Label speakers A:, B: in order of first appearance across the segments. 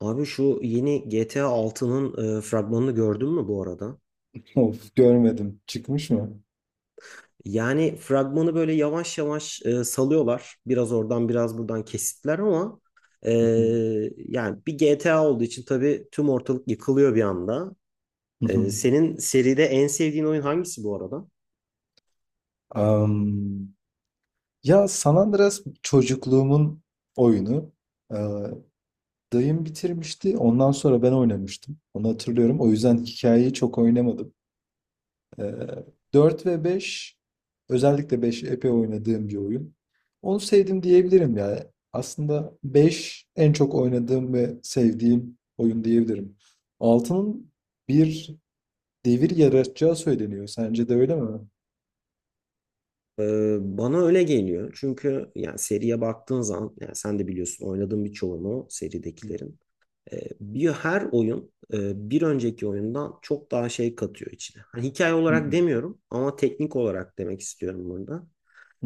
A: Abi şu yeni GTA altının fragmanını gördün mü bu arada?
B: Of, görmedim. Çıkmış mı?
A: Yani fragmanı böyle yavaş yavaş salıyorlar. Biraz oradan biraz buradan kesitler ama e,
B: Hı hı.
A: yani bir GTA olduğu için tabii tüm ortalık yıkılıyor bir anda.
B: Hı hı.
A: Senin seride en sevdiğin oyun hangisi bu arada?
B: Am, ya San Andreas çocukluğumun oyunu. Ee, dayım bitirmişti. Ondan sonra ben oynamıştım. Onu hatırlıyorum. O yüzden hikayeyi çok oynamadım. Ee, 4 ve 5, özellikle 5 epey oynadığım bir oyun. Onu sevdim diyebilirim ya. Aslında 5 en çok oynadığım ve sevdiğim oyun diyebilirim. Altının bir devir yaratacağı söyleniyor. Sence de öyle mi?
A: E, Bana öyle geliyor. Çünkü yani seriye baktığın zaman yani sen de biliyorsun oynadığın birçoğunu seridekilerin. Bir her oyun bir önceki oyundan çok daha şey katıyor içine. Hani hikaye olarak demiyorum ama teknik olarak demek istiyorum burada.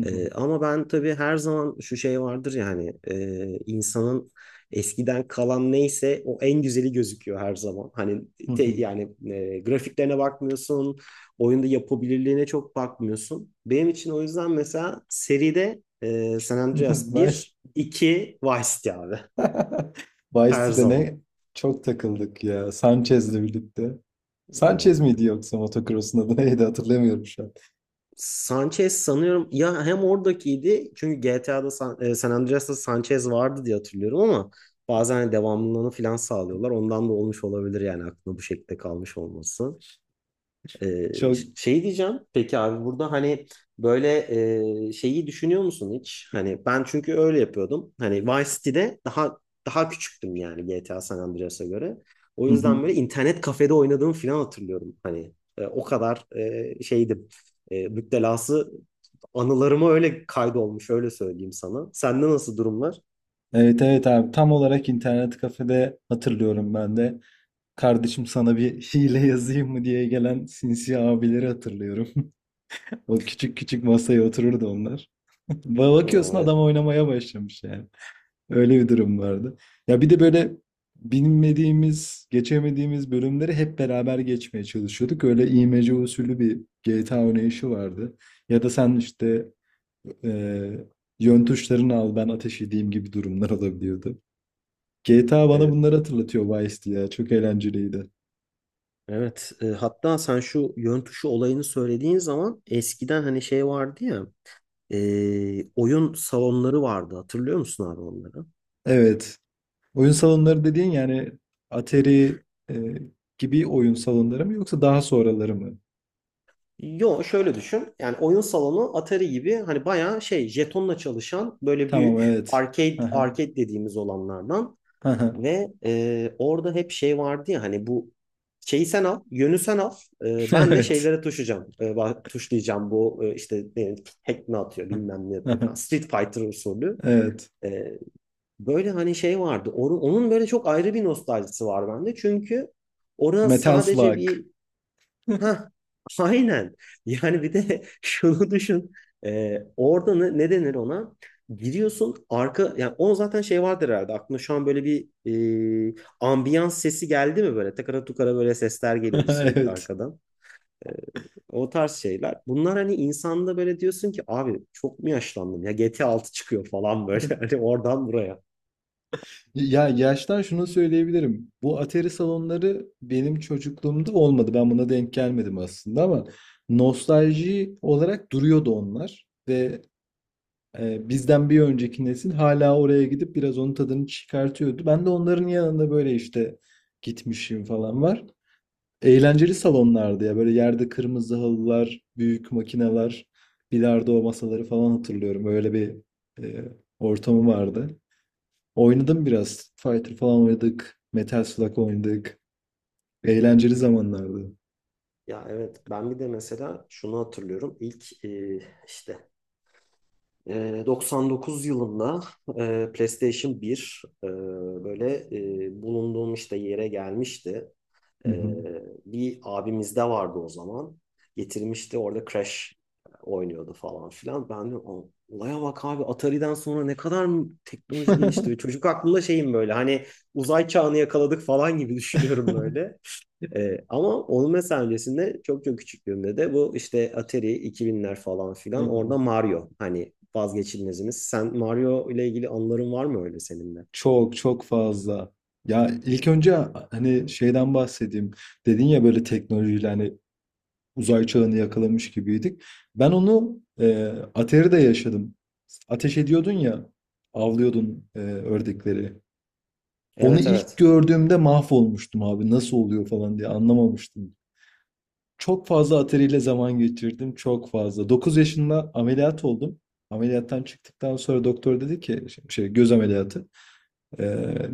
A: Ama ben tabii her zaman şu şey vardır yani ya insanın eskiden kalan neyse o en güzeli gözüküyor her zaman. Hani yani grafiklerine bakmıyorsun, oyunda yapabilirliğine çok bakmıyorsun. Benim için o yüzden mesela seride San Andreas
B: Vice
A: bir, 2 Vice City abi her
B: Vice'de
A: zaman.
B: ne çok takıldık ya. Sanchez'le birlikte. Sanchez miydi yoksa motocross'un adı neydi hatırlamıyorum şu an.
A: Sanchez sanıyorum ya hem oradakiydi çünkü GTA'da San Andreas'ta Sanchez vardı diye hatırlıyorum ama bazen hani devamlılığını falan sağlıyorlar. Ondan da olmuş olabilir yani aklına bu şekilde kalmış olması.
B: Çok.
A: Şey diyeceğim. Peki abi burada hani böyle şeyi düşünüyor musun hiç? Hani ben çünkü öyle yapıyordum. Hani Vice City'de daha daha küçüktüm yani GTA San Andreas'a göre. O
B: Hı hı.
A: yüzden böyle internet kafede oynadığımı falan hatırlıyorum. Hani o kadar şeydim. Müptelası anılarıma öyle kaydolmuş öyle söyleyeyim sana. Sende nasıl durumlar?
B: Evet evet abi tam olarak internet kafede hatırlıyorum ben de. Kardeşim sana bir hile yazayım mı diye gelen sinsi abileri hatırlıyorum. O küçük küçük masaya otururdu onlar.
A: Hmm,
B: Bakıyorsun adam
A: Evet.
B: oynamaya başlamış yani. Öyle bir durum vardı. Ya bir de böyle bilmediğimiz, geçemediğimiz bölümleri hep beraber geçmeye çalışıyorduk. Öyle imece usulü bir GTA oynayışı vardı. Ya da sen işte e, yön tuşlarını al ben ateş edeyim gibi durumlar olabiliyordu. GTA bana
A: Evet.
B: bunları hatırlatıyor Vice ya. Çok eğlenceliydi.
A: Evet. Hatta sen şu yön tuşu olayını söylediğin zaman eskiden hani şey vardı ya. Oyun salonları vardı. Hatırlıyor musun abi onları?
B: Evet. Oyun salonları dediğin yani Atari e, gibi oyun salonları mı yoksa daha sonraları mı?
A: Yo şöyle düşün. Yani oyun salonu Atari gibi hani bayağı şey jetonla çalışan böyle
B: Tamam
A: büyük
B: evet.
A: arcade
B: Aha,
A: arcade dediğimiz olanlardan
B: aha.
A: ve orada hep şey vardı ya hani bu şeyi sen al, yönü sen al. Ben de
B: Evet.
A: şeylere tuşacağım, tuşlayacağım bu işte ne, hack ne atıyor bilmem ne yapıyor
B: Aha,
A: falan. Street Fighter usulü.
B: evet.
A: E, Böyle hani şey vardı. Onun böyle çok ayrı bir nostaljisi var bende. Çünkü orada
B: Metal
A: sadece
B: Slug.
A: bir. Ha, aynen. Yani bir de şunu düşün. Orada ne denir ona? Giriyorsun arka yani o zaten şey vardır herhalde. Aklına şu an böyle bir ambiyans sesi geldi mi böyle? Takara tukara böyle sesler geliyordu sürekli
B: Evet.
A: arkadan. Ee, O tarz şeyler. Bunlar hani insanda böyle diyorsun ki abi çok mu yaşlandım ya GT 6 çıkıyor falan böyle hani oradan buraya.
B: Ya yaştan şunu söyleyebilirim. Bu Atari salonları benim çocukluğumda olmadı. Ben buna denk gelmedim aslında ama nostalji olarak duruyordu onlar ve bizden bir önceki nesil hala oraya gidip biraz onun tadını çıkartıyordu. Ben de onların yanında böyle, işte, gitmişim falan var. Eğlenceli salonlardı ya. Böyle yerde kırmızı halılar, büyük makineler, bilardo masaları falan hatırlıyorum. Öyle bir, eee, ortamı vardı. Oynadım biraz. Fighter falan oynadık. Metal Slug oynadık. Eğlenceli zamanlardı.
A: Ya evet, ben bir de mesela şunu hatırlıyorum. İlk işte 99 yılında PlayStation 1 böyle bulunduğum işte yere gelmişti. E,
B: Hı
A: Bir abimizde vardı o zaman. Getirmişti, orada Crash oynuyordu falan filan. Ben de, "Aa, olaya bak abi, Atari'den sonra ne kadar mı teknoloji gelişti. Çocuk aklımda şeyim böyle hani uzay çağını yakaladık falan gibi düşünüyorum
B: hı.
A: böyle." Ama onun mesela öncesinde çok çok küçüklüğümde de bu işte Atari 2000'ler falan filan orada Mario hani vazgeçilmezimiz. Sen Mario ile ilgili anıların var mı öyle senin de?
B: Çok çok fazla. Ya ilk önce hani şeyden bahsedeyim. Dedin ya böyle teknolojiyle hani uzay çağını yakalamış gibiydik. Ben onu Atari'de yaşadım. Ateş ediyordun ya, avlıyordun ördekleri. Onu
A: Evet,
B: ilk
A: evet.
B: gördüğümde mahvolmuştum abi. Nasıl oluyor falan diye anlamamıştım. Çok fazla Atari ile zaman geçirdim. Çok fazla. 9 yaşında ameliyat oldum. Ameliyattan çıktıktan sonra doktor dedi ki şey, göz ameliyatı. Ee,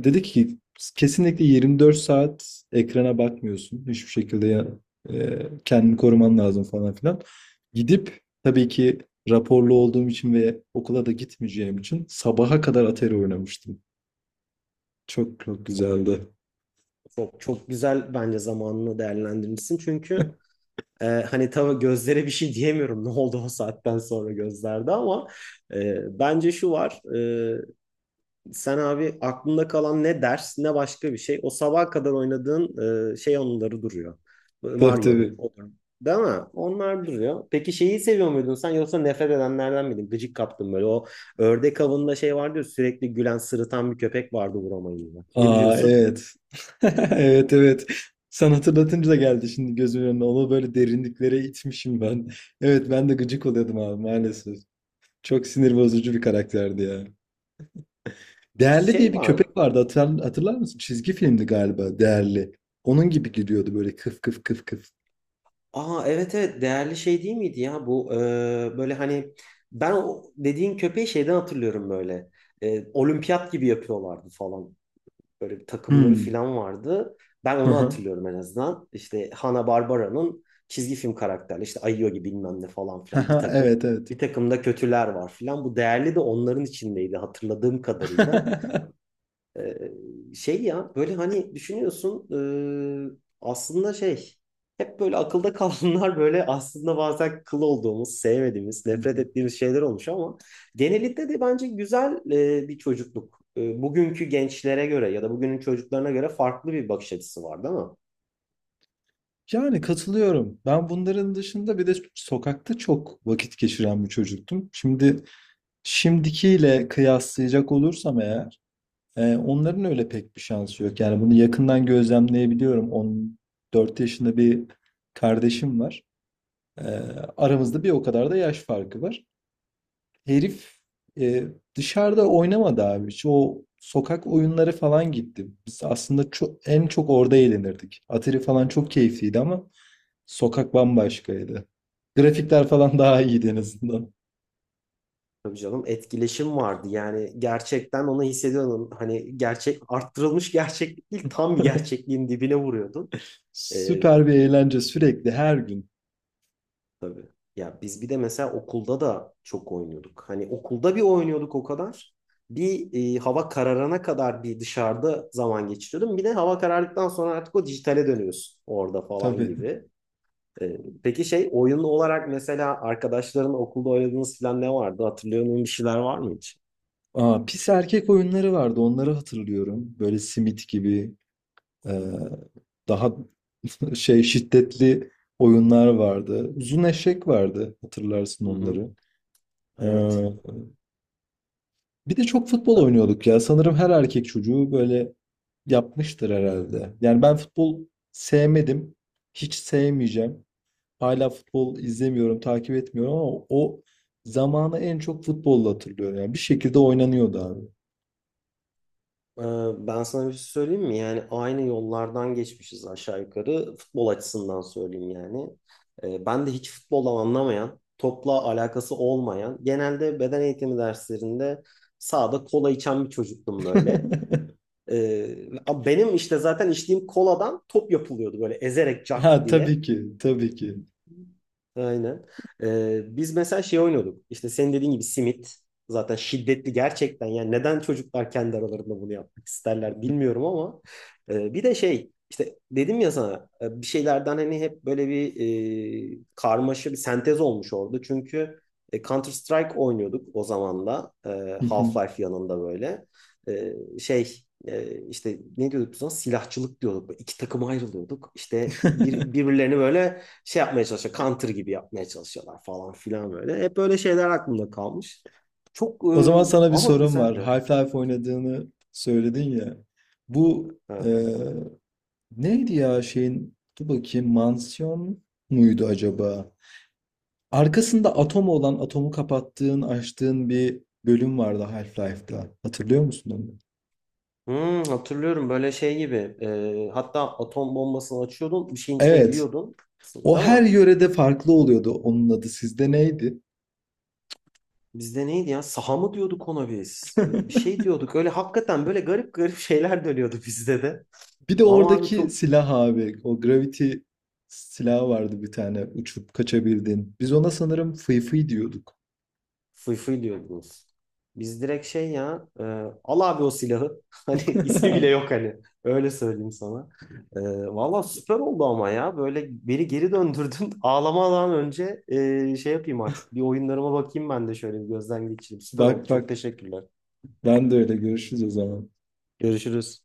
B: dedi ki kesinlikle 24 saat ekrana bakmıyorsun. Hiçbir şekilde ya, e, kendini koruman lazım falan filan. Gidip tabii ki raporlu olduğum için ve okula da gitmeyeceğim için sabaha kadar Atari oynamıştım. Çok çok güzeldi.
A: Çok çok güzel, bence zamanını değerlendirmişsin. Çünkü hani tabii gözlere bir şey diyemiyorum, ne oldu o saatten sonra gözlerde ama bence şu var. Sen abi aklında kalan ne ders ne başka bir şey. O sabaha kadar oynadığın şey onları duruyor.
B: Tabii
A: Mario'dur.
B: tabii.
A: Odur. Değil mi? Onlar duruyor. Peki şeyi seviyor muydun sen, yoksa nefret edenlerden miydin? Gıcık kaptın böyle. O ördek avında şey vardı ya, sürekli gülen sırıtan bir köpek vardı vuramayınca. Ne
B: Aa,
A: düşünüyorsun?
B: evet. Evet evet. Sen hatırlatınca da geldi şimdi gözümün önüne. Onu böyle derinliklere itmişim ben. Evet, ben de gıcık oluyordum abi maalesef. Çok sinir bozucu bir karakterdi ya. Değerli diye
A: Şey
B: bir
A: var.
B: köpek vardı, hatırlar mısın? Çizgi filmdi galiba Değerli. Onun gibi giriyordu böyle kıf kıf kıf kıf.
A: Aa, evet, evet, değerli şey değil miydi ya bu böyle hani ben o dediğin köpeği şeyden hatırlıyorum böyle. Olimpiyat gibi yapıyorlardı falan. Böyle bir takımları
B: Hmm.
A: falan vardı. Ben
B: Hı
A: onu
B: hı.
A: hatırlıyorum en azından. İşte Hanna-Barbara'nın çizgi film karakterleri işte Ayogi bilmem ne falan
B: Hı
A: filan bir
B: hı,
A: takım.
B: evet evet.
A: Bir takım da kötüler var filan. Bu değerli de onların içindeydi hatırladığım kadarıyla. Ee, Şey ya böyle hani düşünüyorsun aslında şey hep böyle akılda kalanlar böyle aslında bazen kıl olduğumuz, sevmediğimiz, nefret ettiğimiz şeyler olmuş ama genelinde de bence güzel bir çocukluk. Bugünkü gençlere göre ya da bugünün çocuklarına göre farklı bir bakış açısı var, değil mi?
B: Yani katılıyorum. Ben bunların dışında bir de sokakta çok vakit geçiren bir çocuktum. Şimdi şimdikiyle kıyaslayacak olursam eğer onların öyle pek bir şansı yok. Yani bunu yakından gözlemleyebiliyorum. 14 yaşında bir kardeşim var. E, aramızda bir o kadar da yaş farkı var. Herif e, dışarıda oynamadı abi. Şu o sokak oyunları falan gitti. Biz aslında en çok orada eğlenirdik. Atari falan çok keyifliydi ama sokak bambaşkaydı. Grafikler falan daha iyiydi en azından.
A: Tabii canım, etkileşim vardı yani, gerçekten onu hissediyordun. Hani gerçek arttırılmış gerçeklik değil, tam bir gerçekliğin dibine vuruyordun. Ee,
B: Süper bir eğlence sürekli her gün.
A: Tabii. Ya biz bir de mesela okulda da çok oynuyorduk. Hani okulda bir oynuyorduk o kadar. Bir Hava kararana kadar bir dışarıda zaman geçiriyordum. Bir de hava karardıktan sonra artık o dijitale dönüyorsun orada falan
B: Tabii.
A: gibi. E, peki şey, oyun olarak mesela arkadaşların okulda oynadığınız falan ne vardı? Hatırlıyor musun, bir şeyler var mı hiç?
B: Aa, pis erkek oyunları vardı, onları hatırlıyorum. Böyle simit gibi e, daha şey şiddetli oyunlar vardı. Uzun eşek vardı, hatırlarsın
A: Hı hı.
B: onları. Ee,
A: Evet.
B: Bir de çok futbol oynuyorduk ya. Sanırım her erkek çocuğu böyle yapmıştır herhalde. Yani ben futbol sevmedim. Hiç sevmeyeceğim. Hala futbol izlemiyorum, takip etmiyorum ama o zamanı en çok futbolla hatırlıyorum. Yani bir şekilde oynanıyordu abi.
A: Ben sana bir şey söyleyeyim mi? Yani aynı yollardan geçmişiz aşağı yukarı. Futbol açısından söyleyeyim yani. Ben de hiç futboldan anlamayan, topla alakası olmayan, genelde beden eğitimi derslerinde sahada kola içen bir çocuktum böyle. Ee, Benim işte zaten içtiğim koladan top yapılıyordu böyle, ezerek cart
B: Ha
A: diye.
B: tabii ki, tabii ki.
A: Aynen. Biz mesela şey oynuyorduk. İşte senin dediğin gibi simit. Zaten şiddetli gerçekten. Yani neden çocuklar kendi aralarında bunu yapmak isterler bilmiyorum ama. Bir de şey işte, dedim ya sana, bir şeylerden hani hep böyle bir karmaşa, bir sentez olmuş orada. Çünkü Counter Strike oynuyorduk o zaman da.
B: Hı hı.
A: Half-Life yanında böyle. E, Şey işte ne diyorduk biz ona? Silahçılık diyorduk. Böyle İki takıma ayrılıyorduk. İşte birbirlerini böyle şey yapmaya çalışıyor. Counter gibi yapmaya çalışıyorlar falan filan böyle. Hep böyle şeyler aklımda kalmış. Çok
B: O zaman sana bir
A: ama
B: sorum var.
A: güzeldi.
B: Half-Life oynadığını söyledin ya. Bu
A: Evet.
B: Neydi ya şeyin? Dur bakayım, mansiyon muydu acaba? Arkasında atom olan, atomu kapattığın, açtığın bir bölüm vardı Half-Life'da. Hatırlıyor musun onu?
A: Hmm, hatırlıyorum böyle şey gibi. Hatta atom bombasını açıyordun. Bir şeyin içine
B: Evet.
A: giriyordun.
B: O
A: Değil mi?
B: her yörede farklı oluyordu onun adı. Sizde neydi?
A: Bizde neydi ya? Saha mı diyorduk ona biz? Bir şey diyorduk. Öyle hakikaten böyle garip garip şeyler dönüyordu bizde de.
B: Bir de
A: Ama abi
B: oradaki
A: çok.
B: silah abi. O gravity silahı vardı bir tane. Uçup kaçabildin. Biz ona sanırım fıy fıy diyorduk.
A: Fıy diyordunuz. Biz direkt şey ya, al abi o silahı. Hani ismi bile yok hani. Öyle söyleyeyim sana. E, Valla süper oldu ama ya. Böyle beni geri döndürdün. Ağlamadan önce şey yapayım artık. Bir oyunlarıma bakayım ben de, şöyle bir gözden geçireyim. Süper
B: Bak
A: oldu. Çok
B: bak.
A: teşekkürler.
B: Ben de öyle. Görüşürüz o zaman.
A: Görüşürüz.